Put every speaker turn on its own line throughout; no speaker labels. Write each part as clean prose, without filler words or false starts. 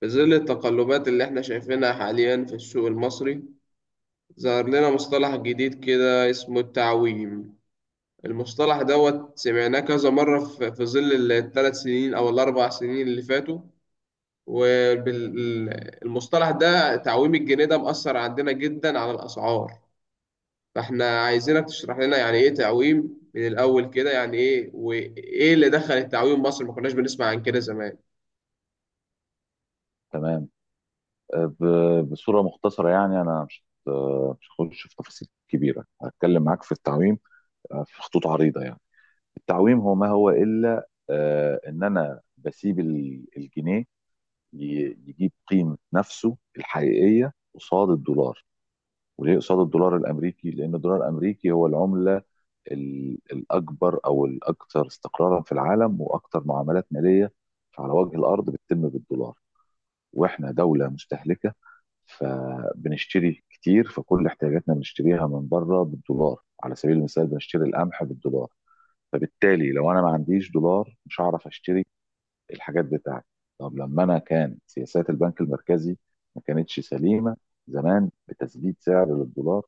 في ظل التقلبات اللي احنا شايفينها حاليا في السوق المصري، ظهر لنا مصطلح جديد كده اسمه التعويم. المصطلح دوت سمعناه كذا مرة في ظل الثلاث سنين أو الأربع سنين اللي فاتوا، والمصطلح ده تعويم الجنيه ده مأثر عندنا جدا على الأسعار. فاحنا عايزينك تشرح لنا يعني إيه تعويم، من الأول كده يعني إيه، وإيه اللي دخل التعويم مصر؟ ما كناش بنسمع عن كده زمان.
تمام. بصورة مختصرة يعني، أنا مش هخش في تفاصيل كبيرة. هتكلم معاك في التعويم في خطوط عريضة يعني. التعويم هو ما هو إلا إن أنا بسيب الجنيه يجيب قيمة نفسه الحقيقية قصاد الدولار. وليه قصاد الدولار الأمريكي؟ لأن الدولار الأمريكي هو العملة الأكبر أو الأكثر استقرارا في العالم، وأكثر معاملات مالية على وجه الأرض بتتم بالدولار. واحنا دولة مستهلكة، فبنشتري كتير، فكل احتياجاتنا بنشتريها من بره بالدولار. على سبيل المثال بنشتري القمح بالدولار. فبالتالي لو انا ما عنديش دولار مش هعرف اشتري الحاجات بتاعتي. طب لما انا، كان سياسات البنك المركزي ما كانتش سليمه زمان، بتسديد سعر للدولار.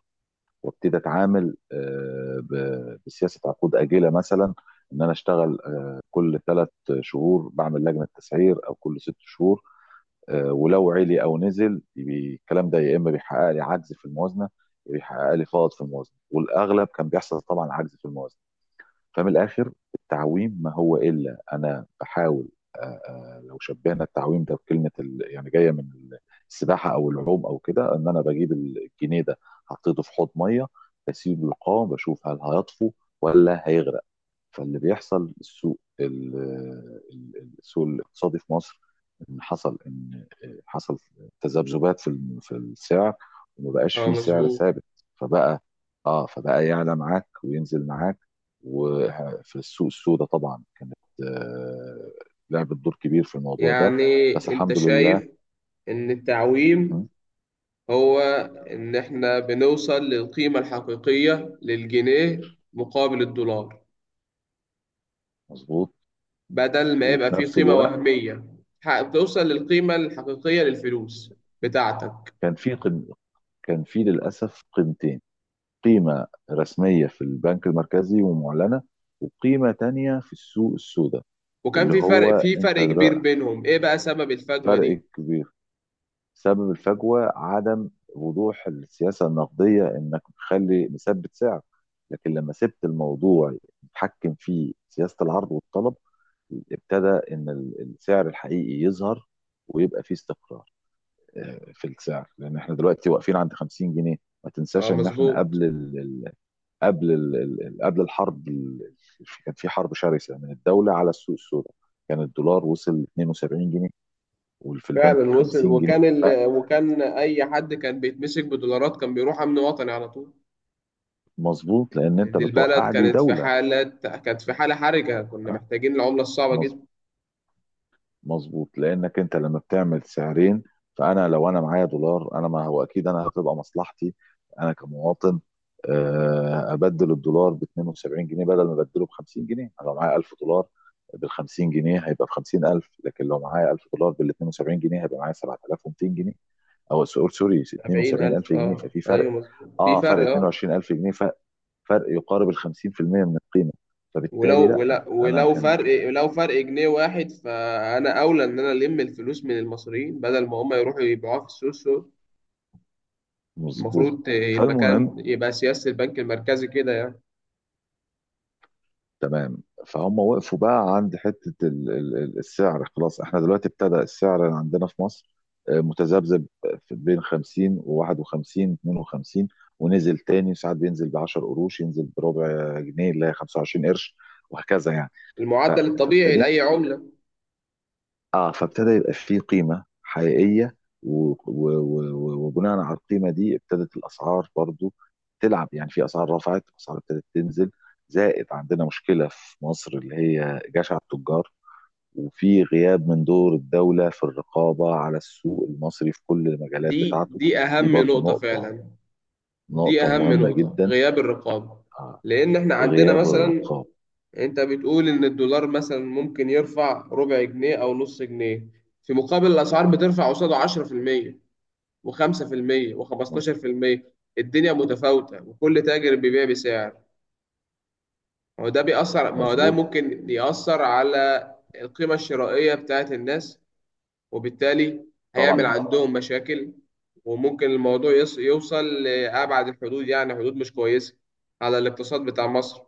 وابتدي اتعامل بسياسه عقود اجله مثلا، ان انا اشتغل كل 3 شهور بعمل لجنه تسعير، او كل 6 شهور. ولو علي او نزل يبي الكلام ده، يا اما بيحقق لي عجز في الموازنه، يا بيحقق لي فائض في الموازنه، والاغلب كان بيحصل طبعا عجز في الموازنه. فمن الاخر، التعويم ما هو الا انا بحاول. آه، لو شبهنا التعويم ده بكلمه يعني جايه من السباحه او العوم او كده، ان انا بجيب الجنيه ده حطيته في حوض ميه، بسيبه يقام بشوف هل هيطفو ولا هيغرق. فاللي بيحصل، السوق السوق الاقتصادي في مصر، ان حصل تذبذبات في في السعر، وما بقاش
اه،
فيه سعر
مظبوط.
ثابت. فبقى اه فبقى يعلى معاك وينزل معاك. وفي السوق السوداء طبعا، كانت آه، لعبت دور كبير في الموضوع ده.
يعني
بس
انت
الحمد لله.
شايف ان
مهم.
التعويم هو إن إحنا بنوصل للقيمة الحقيقية للجنيه مقابل الدولار،
مظبوط.
بدل ما يبقى
وفي
فيه
نفس
قيمة
الوقت
وهمية، بتوصل للقيمة الحقيقية للفلوس بتاعتك.
كان في قم... كان في للاسف قيمتين: قيمة رسمية في البنك المركزي ومعلنة، وقيمة تانية في السوق السوداء.
وكان
اللي
في
هو
فرق في
انت
فرق كبير
در-
بينهم. إيه بقى سبب الفجوة دي؟
فرق كبير. سبب الفجوة عدم وضوح السياسة النقدية، انك بتخلي مثبت سعر. لكن لما سبت الموضوع يتحكم فيه سياسة العرض والطلب، ابتدى ان السعر الحقيقي يظهر، ويبقى فيه استقرار في السعر. لان احنا دلوقتي واقفين عند 50 جنيه. ما
آه،
تنساش ان احنا
مظبوط.
قبل الحرب، كان في حرب شرسة من الدولة على السوق السوداء. كان الدولار وصل 72 جنيه، وفي البنك
فعلا وصل،
50 جنيه.
وكان وكان أي حد كان بيتمسك بدولارات كان بيروح أمن وطني على طول.
فمظبوط، لأن أنت
دي البلد
بتوقع لي دولة.
كانت في حالة حرجة، كنا
أه؟
محتاجين العملة الصعبة جدا.
مظبوط. لانك انت لما بتعمل سعرين، فانا لو انا معايا دولار، انا ما هو اكيد انا هتبقى مصلحتي، انا كمواطن، ابدل الدولار ب 72 جنيه بدل ما ابدله ب 50 جنيه. انا لو معايا 1000 دولار بال 50 جنيه هيبقى ب 50,000، لكن لو معايا 1000 دولار بال 72 جنيه هيبقى معايا 7,200 جنيه. او سوري سوري، 72000
70,000.
جنيه
اه،
ففي
ايوه،
فرق.
مظبوط، في
اه، فرق
فرق. اه،
22,000 جنيه. فرق يقارب ال 50% من القيمه.
ولو
فبالتالي
ولو
لا انا
ولو
كان.
فرق ولو فرق جنيه واحد، فانا اولى ان انا الم الفلوس من المصريين بدل ما هم يروحوا يبيعوها في السوق.
مظبوط.
المفروض المكان
فالمهم،
يبقى سياسة البنك المركزي كده يعني.
تمام، فهم وقفوا بقى عند حتة السعر. خلاص، احنا دلوقتي ابتدى السعر عندنا في مصر متذبذب في بين 50 و51، 52، ونزل تاني. ساعات بينزل ب 10 قروش، ينزل بربع جنيه اللي هي 25 قرش، وهكذا يعني. ف-
المعدل الطبيعي
فابتدينا.
لأي عملة.
اه، فابتدى يبقى فيه قيمة حقيقية. وبناء على القيمة دي، ابتدت الأسعار برضو تلعب، يعني في أسعار رفعت، أسعار ابتدت تنزل. زائد عندنا مشكلة في مصر، اللي هي جشع التجار، وفي غياب من دور الدولة في الرقابة على السوق المصري في كل المجالات
دي
بتاعته.
دي
دي
أهم
برضو
نقطة
نقطة،
فعلا. دي
نقطة
أهم
مهمة
نقطة،
جدا.
غياب الرقابة.
آه.
لأن إحنا عندنا
غياب
مثلا،
الرقابة.
أنت بتقول إن الدولار مثلا ممكن يرفع ربع جنيه أو نص جنيه، في مقابل الأسعار بترفع قصاده 10% و5%
مظ-
و15%. الدنيا متفاوتة وكل تاجر بيبيع بسعر. ما هو ده
مظبوط.
ممكن يأثر على القيمة الشرائية بتاعت الناس، وبالتالي هيعمل
طبعا،
عندهم مشاكل. وممكن الموضوع يوصل لأبعد الحدود، يعني حدود مش كويسة على الاقتصاد بتاع مصر.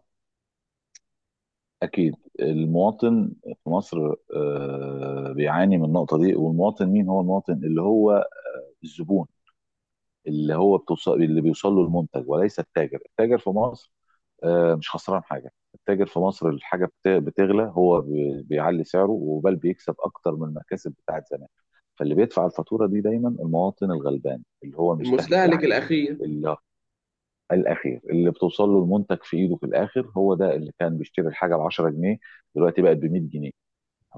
أكيد. المواطن في مصر بيعاني من النقطة دي. والمواطن مين؟ هو المواطن اللي هو الزبون، اللي هو بتوصل اللي بيوصل له المنتج، وليس التاجر. التاجر في مصر مش خسران حاجة. التاجر في مصر الحاجة بتغلى، هو بيعلي سعره، وبل بيكسب أكتر من المكاسب بتاعت زمان. فاللي بيدفع الفاتورة دي دايما المواطن الغلبان، اللي هو المستهلك
المستهلك
العادي،
الأخير.
اللي الأخير، اللي بتوصل له المنتج في إيده في الآخر. هو ده اللي كان بيشتري الحاجة ب 10 جنيه، دلوقتي بقت ب 100 جنيه.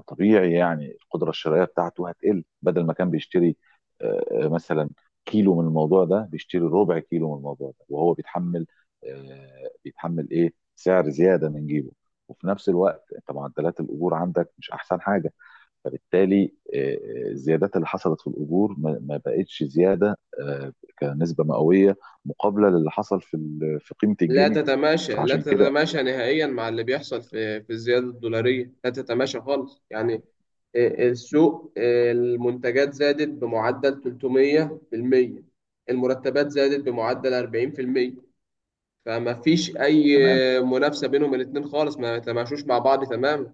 طبيعي يعني القدره الشرائيه بتاعته هتقل. بدل ما كان بيشتري مثلا كيلو من الموضوع ده، بيشتري ربع كيلو من الموضوع ده، وهو بيتحمل ايه، سعر زياده من جيبه. وفي نفس الوقت انت معدلات الاجور عندك مش احسن حاجه. فبالتالي الزيادات اللي حصلت في الاجور ما بقتش زياده كنسبه مئويه مقابله للي حصل في في قيمه الجنيه.
لا
فعشان كده.
تتماشى نهائيا مع اللي بيحصل في الزيادة الدولارية، لا تتماشى خالص يعني. السوق، المنتجات زادت بمعدل 300%، المرتبات زادت بمعدل 40%. فما فيش أي
تمام.
منافسة بينهم الاتنين خالص، ما تماشوش مع بعض تماما.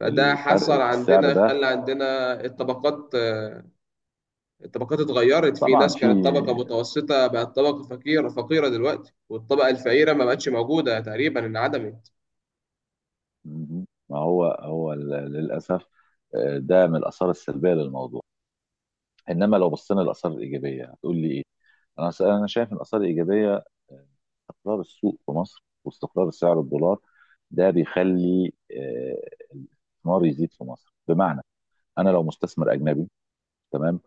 فده
الفرق
حصل
في السعر
عندنا،
ده.
خلى عندنا الطبقات، الطبقات اتغيرت. في
طبعا.
ناس
في
كانت طبقة متوسطة بقت طبقة فقيرة، فقيرة دلوقتي، والطبقة الفقيرة ما بقتش موجودة، تقريبا انعدمت.
ما هو هو للأسف ده من الآثار السلبية للموضوع. إنما لو بصينا للآثار الإيجابية، هتقول لي إيه؟ أنا شايف إن الآثار الإيجابية، آه، استقرار السوق في مصر واستقرار سعر الدولار. ده بيخلي الاستثمار يزيد في مصر، بمعنى أنا لو مستثمر أجنبي، تمام،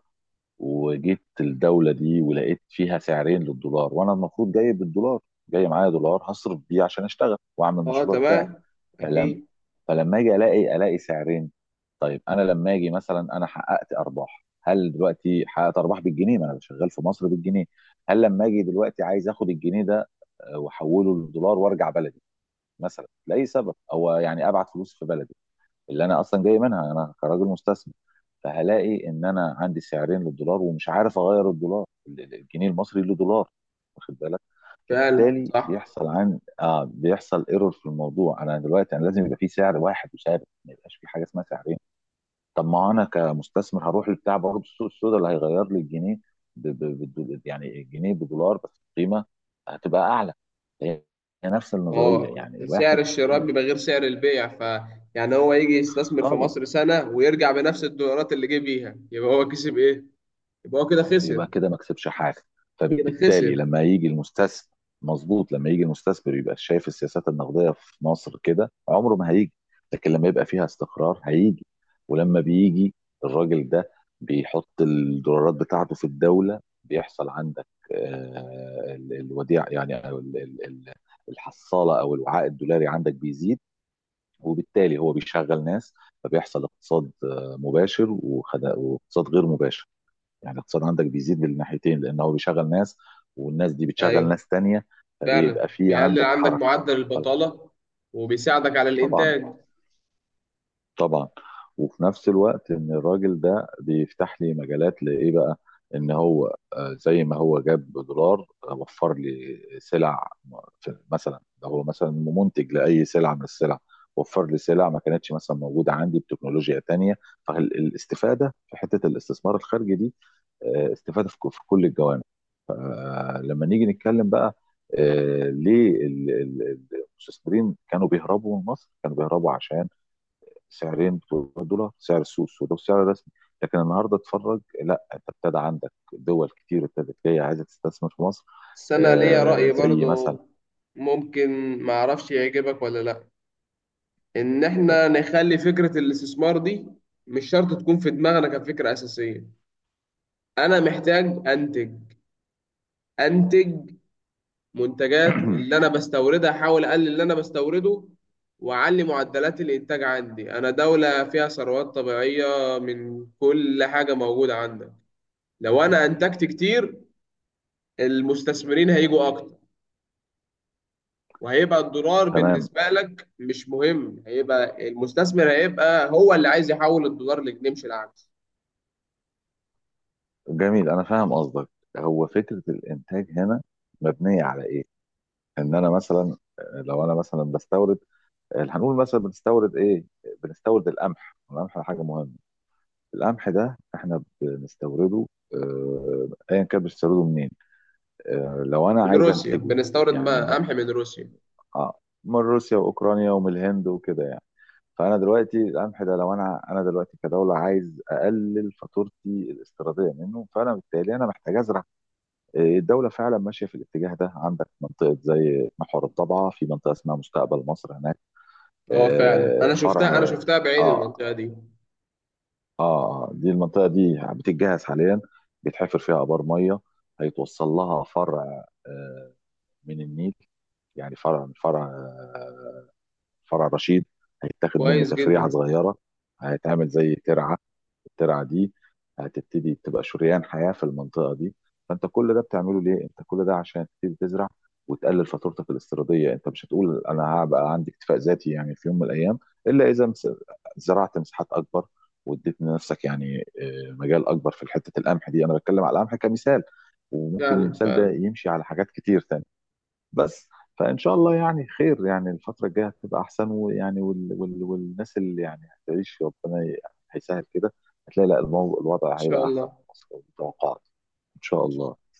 وجيت الدولة دي ولقيت فيها سعرين للدولار، وأنا المفروض جاي بالدولار، جاي معايا دولار هصرف بيه عشان أشتغل وأعمل
اه،
المشروع بتاعي.
تمام. اكيد.
فلما اجي، الاقي سعرين. طيب انا لما اجي مثلا انا حققت ارباح، هل دلوقتي حققت ارباح بالجنيه؟ ما انا شغال في مصر بالجنيه. هل لما اجي دلوقتي عايز اخد الجنيه ده واحوله للدولار وارجع بلدي، مثلا لاي سبب، او يعني ابعت فلوس في بلدي اللي انا اصلا جاي منها، انا كراجل مستثمر؟ فهلاقي ان انا عندي سعرين للدولار، ومش عارف اغير الدولار، الجنيه المصري له دولار، واخد بالك.
فعلا،
فبالتالي
صح.
بيحصل عن اه بيحصل ايرور في الموضوع. انا دلوقتي انا لازم يبقى في سعر واحد وثابت، ما يبقاش في حاجه اسمها سعرين. طب ما انا كمستثمر هروح لبتاع برضه السوق السوداء اللي هيغير لي الجنيه يعني الجنيه بدولار، بس القيمه هتبقى اعلى. هي هي نفس النظريه،
هو
يعني
سعر
الواحد.
الشراء
ال-
بيبقى غير سعر البيع. ف يعني هو يجي يستثمر في
خالص.
مصر سنة ويرجع بنفس الدولارات اللي جه بيها، يبقى هو كسب ايه؟ يبقى هو كده خسر،
يبقى كده ما كسبش حاجه.
كده
فبالتالي
خسر.
لما يجي المستثمر. مظبوط. لما يجي المستثمر يبقى شايف السياسات النقديه في مصر كده، عمره ما هيجي. لكن لما يبقى فيها استقرار هيجي. ولما بيجي الراجل ده بيحط الدولارات بتاعته في الدوله، بيحصل عندك الوديعه يعني، أو الحصاله او الوعاء الدولاري عندك بيزيد. وبالتالي هو بيشغل ناس، فبيحصل اقتصاد مباشر واقتصاد غير مباشر. يعني الاقتصاد عندك بيزيد بالناحيتين، لان هو بيشغل ناس، والناس دي بتشغل
ايوه.
ناس تانية.
فعلا.
فبيبقى في
بيقلل
عندك
عندك
حركة.
معدل
فالح-
البطالة وبيساعدك على
طبعا،
الانتاج.
طبعا. وفي نفس الوقت، ان الراجل ده بيفتح لي مجالات لايه بقى؟ ان هو زي ما هو جاب دولار، وفر لي سلع. مثلا، ده هو مثلا منتج لاي سلعة من السلع، وفر لي سلع ما كانتش مثلا موجودة عندي، بتكنولوجيا تانية. فالاستفادة في حتة الاستثمار الخارجي دي استفادة في في كل الجوانب. لما نيجي نتكلم بقى ليه المستثمرين كانوا بيهربوا من مصر؟ كانوا بيهربوا عشان سعرين بتوع الدولار، سعر السوق السوداء والسعر الرسمي، لكن النهارده اتفرج، لا، انت ابتدى عندك دول كتير ابتدت جايه عايزه تستثمر في مصر،
بس انا ليا رأي
زي مثلا
برضو، ممكن ما اعرفش يعجبك ولا لا. ان احنا نخلي فكرة الاستثمار دي مش شرط تكون في دماغنا كفكرة أساسية. أنا محتاج أنتج انتج منتجات اللي انا بستوردها، احاول اقلل اللي انا بستورده، واعلي معدلات الانتاج عندي. انا دولة فيها ثروات طبيعية، من كل حاجة موجودة عندك. لو انا انتجت كتير، المستثمرين هيجوا اكتر، وهيبقى الدولار
تمام.
بالنسبة لك مش مهم، هيبقى المستثمر هيبقى هو اللي عايز يحول الدولار لجنيه مش العكس.
جميل، انا فاهم قصدك. هو فكره الانتاج هنا مبنيه على ايه؟ ان انا مثلا لو انا مثلا بستورد هنقول مثلا بنستورد ايه؟ بنستورد القمح. القمح حاجه مهمه. القمح ده احنا بنستورده ايا كان بنستورده منين. لو انا
من
عايز
روسيا
انتجه،
بنستورد،
يعني
ما
أنا-
قمح من روسيا.
آه، من روسيا واوكرانيا ومن الهند وكده يعني. فانا دلوقتي القمح ده، لو انا دلوقتي كدوله عايز اقلل فاتورتي الاستيراديه منه، فانا بالتالي انا محتاج ازرع. الدوله فعلا ماشيه في الاتجاه ده. عندك منطقه زي محور الضبعه، في منطقه اسمها مستقبل مصر هناك.
اه، فعلا، انا شفتها انا
فرع.
شفتها بعيني
اه.
المنطقة دي.
اه، دي المنطقه دي بتتجهز حاليا، بيتحفر فيها ابار ميه، هيتوصل لها فرع من النيل، يعني فرع من فرع، فرع رشيد، هيتاخد منه
كويس
تفريعه
جدا.
صغيره، هيتعمل زي ترعه. الترعه دي هتبتدي تبقى شريان حياه في المنطقه دي. فانت كل ده بتعمله ليه؟ انت كل ده عشان تبتدي تزرع وتقلل فاتورتك الاستيراديه. انت مش هتقول انا هبقى عندي اكتفاء ذاتي يعني في يوم من الايام، الا اذا زرعت مساحات اكبر، واديت لنفسك يعني مجال اكبر في حته القمح دي. انا بتكلم على القمح كمثال، وممكن
فعلا،
المثال ده
فعلا.
يمشي على حاجات كتير تانية. بس فان شاء الله يعني خير، يعني الفتره الجايه هتبقى احسن، ويعني والناس اللي يعني هتعيش، ربنا هيسهل كده، هتلاقي، لا، الوضع
شاء
هيبقى
الله
احسن في
إن
مصر، والتوقعات ان شاء الله.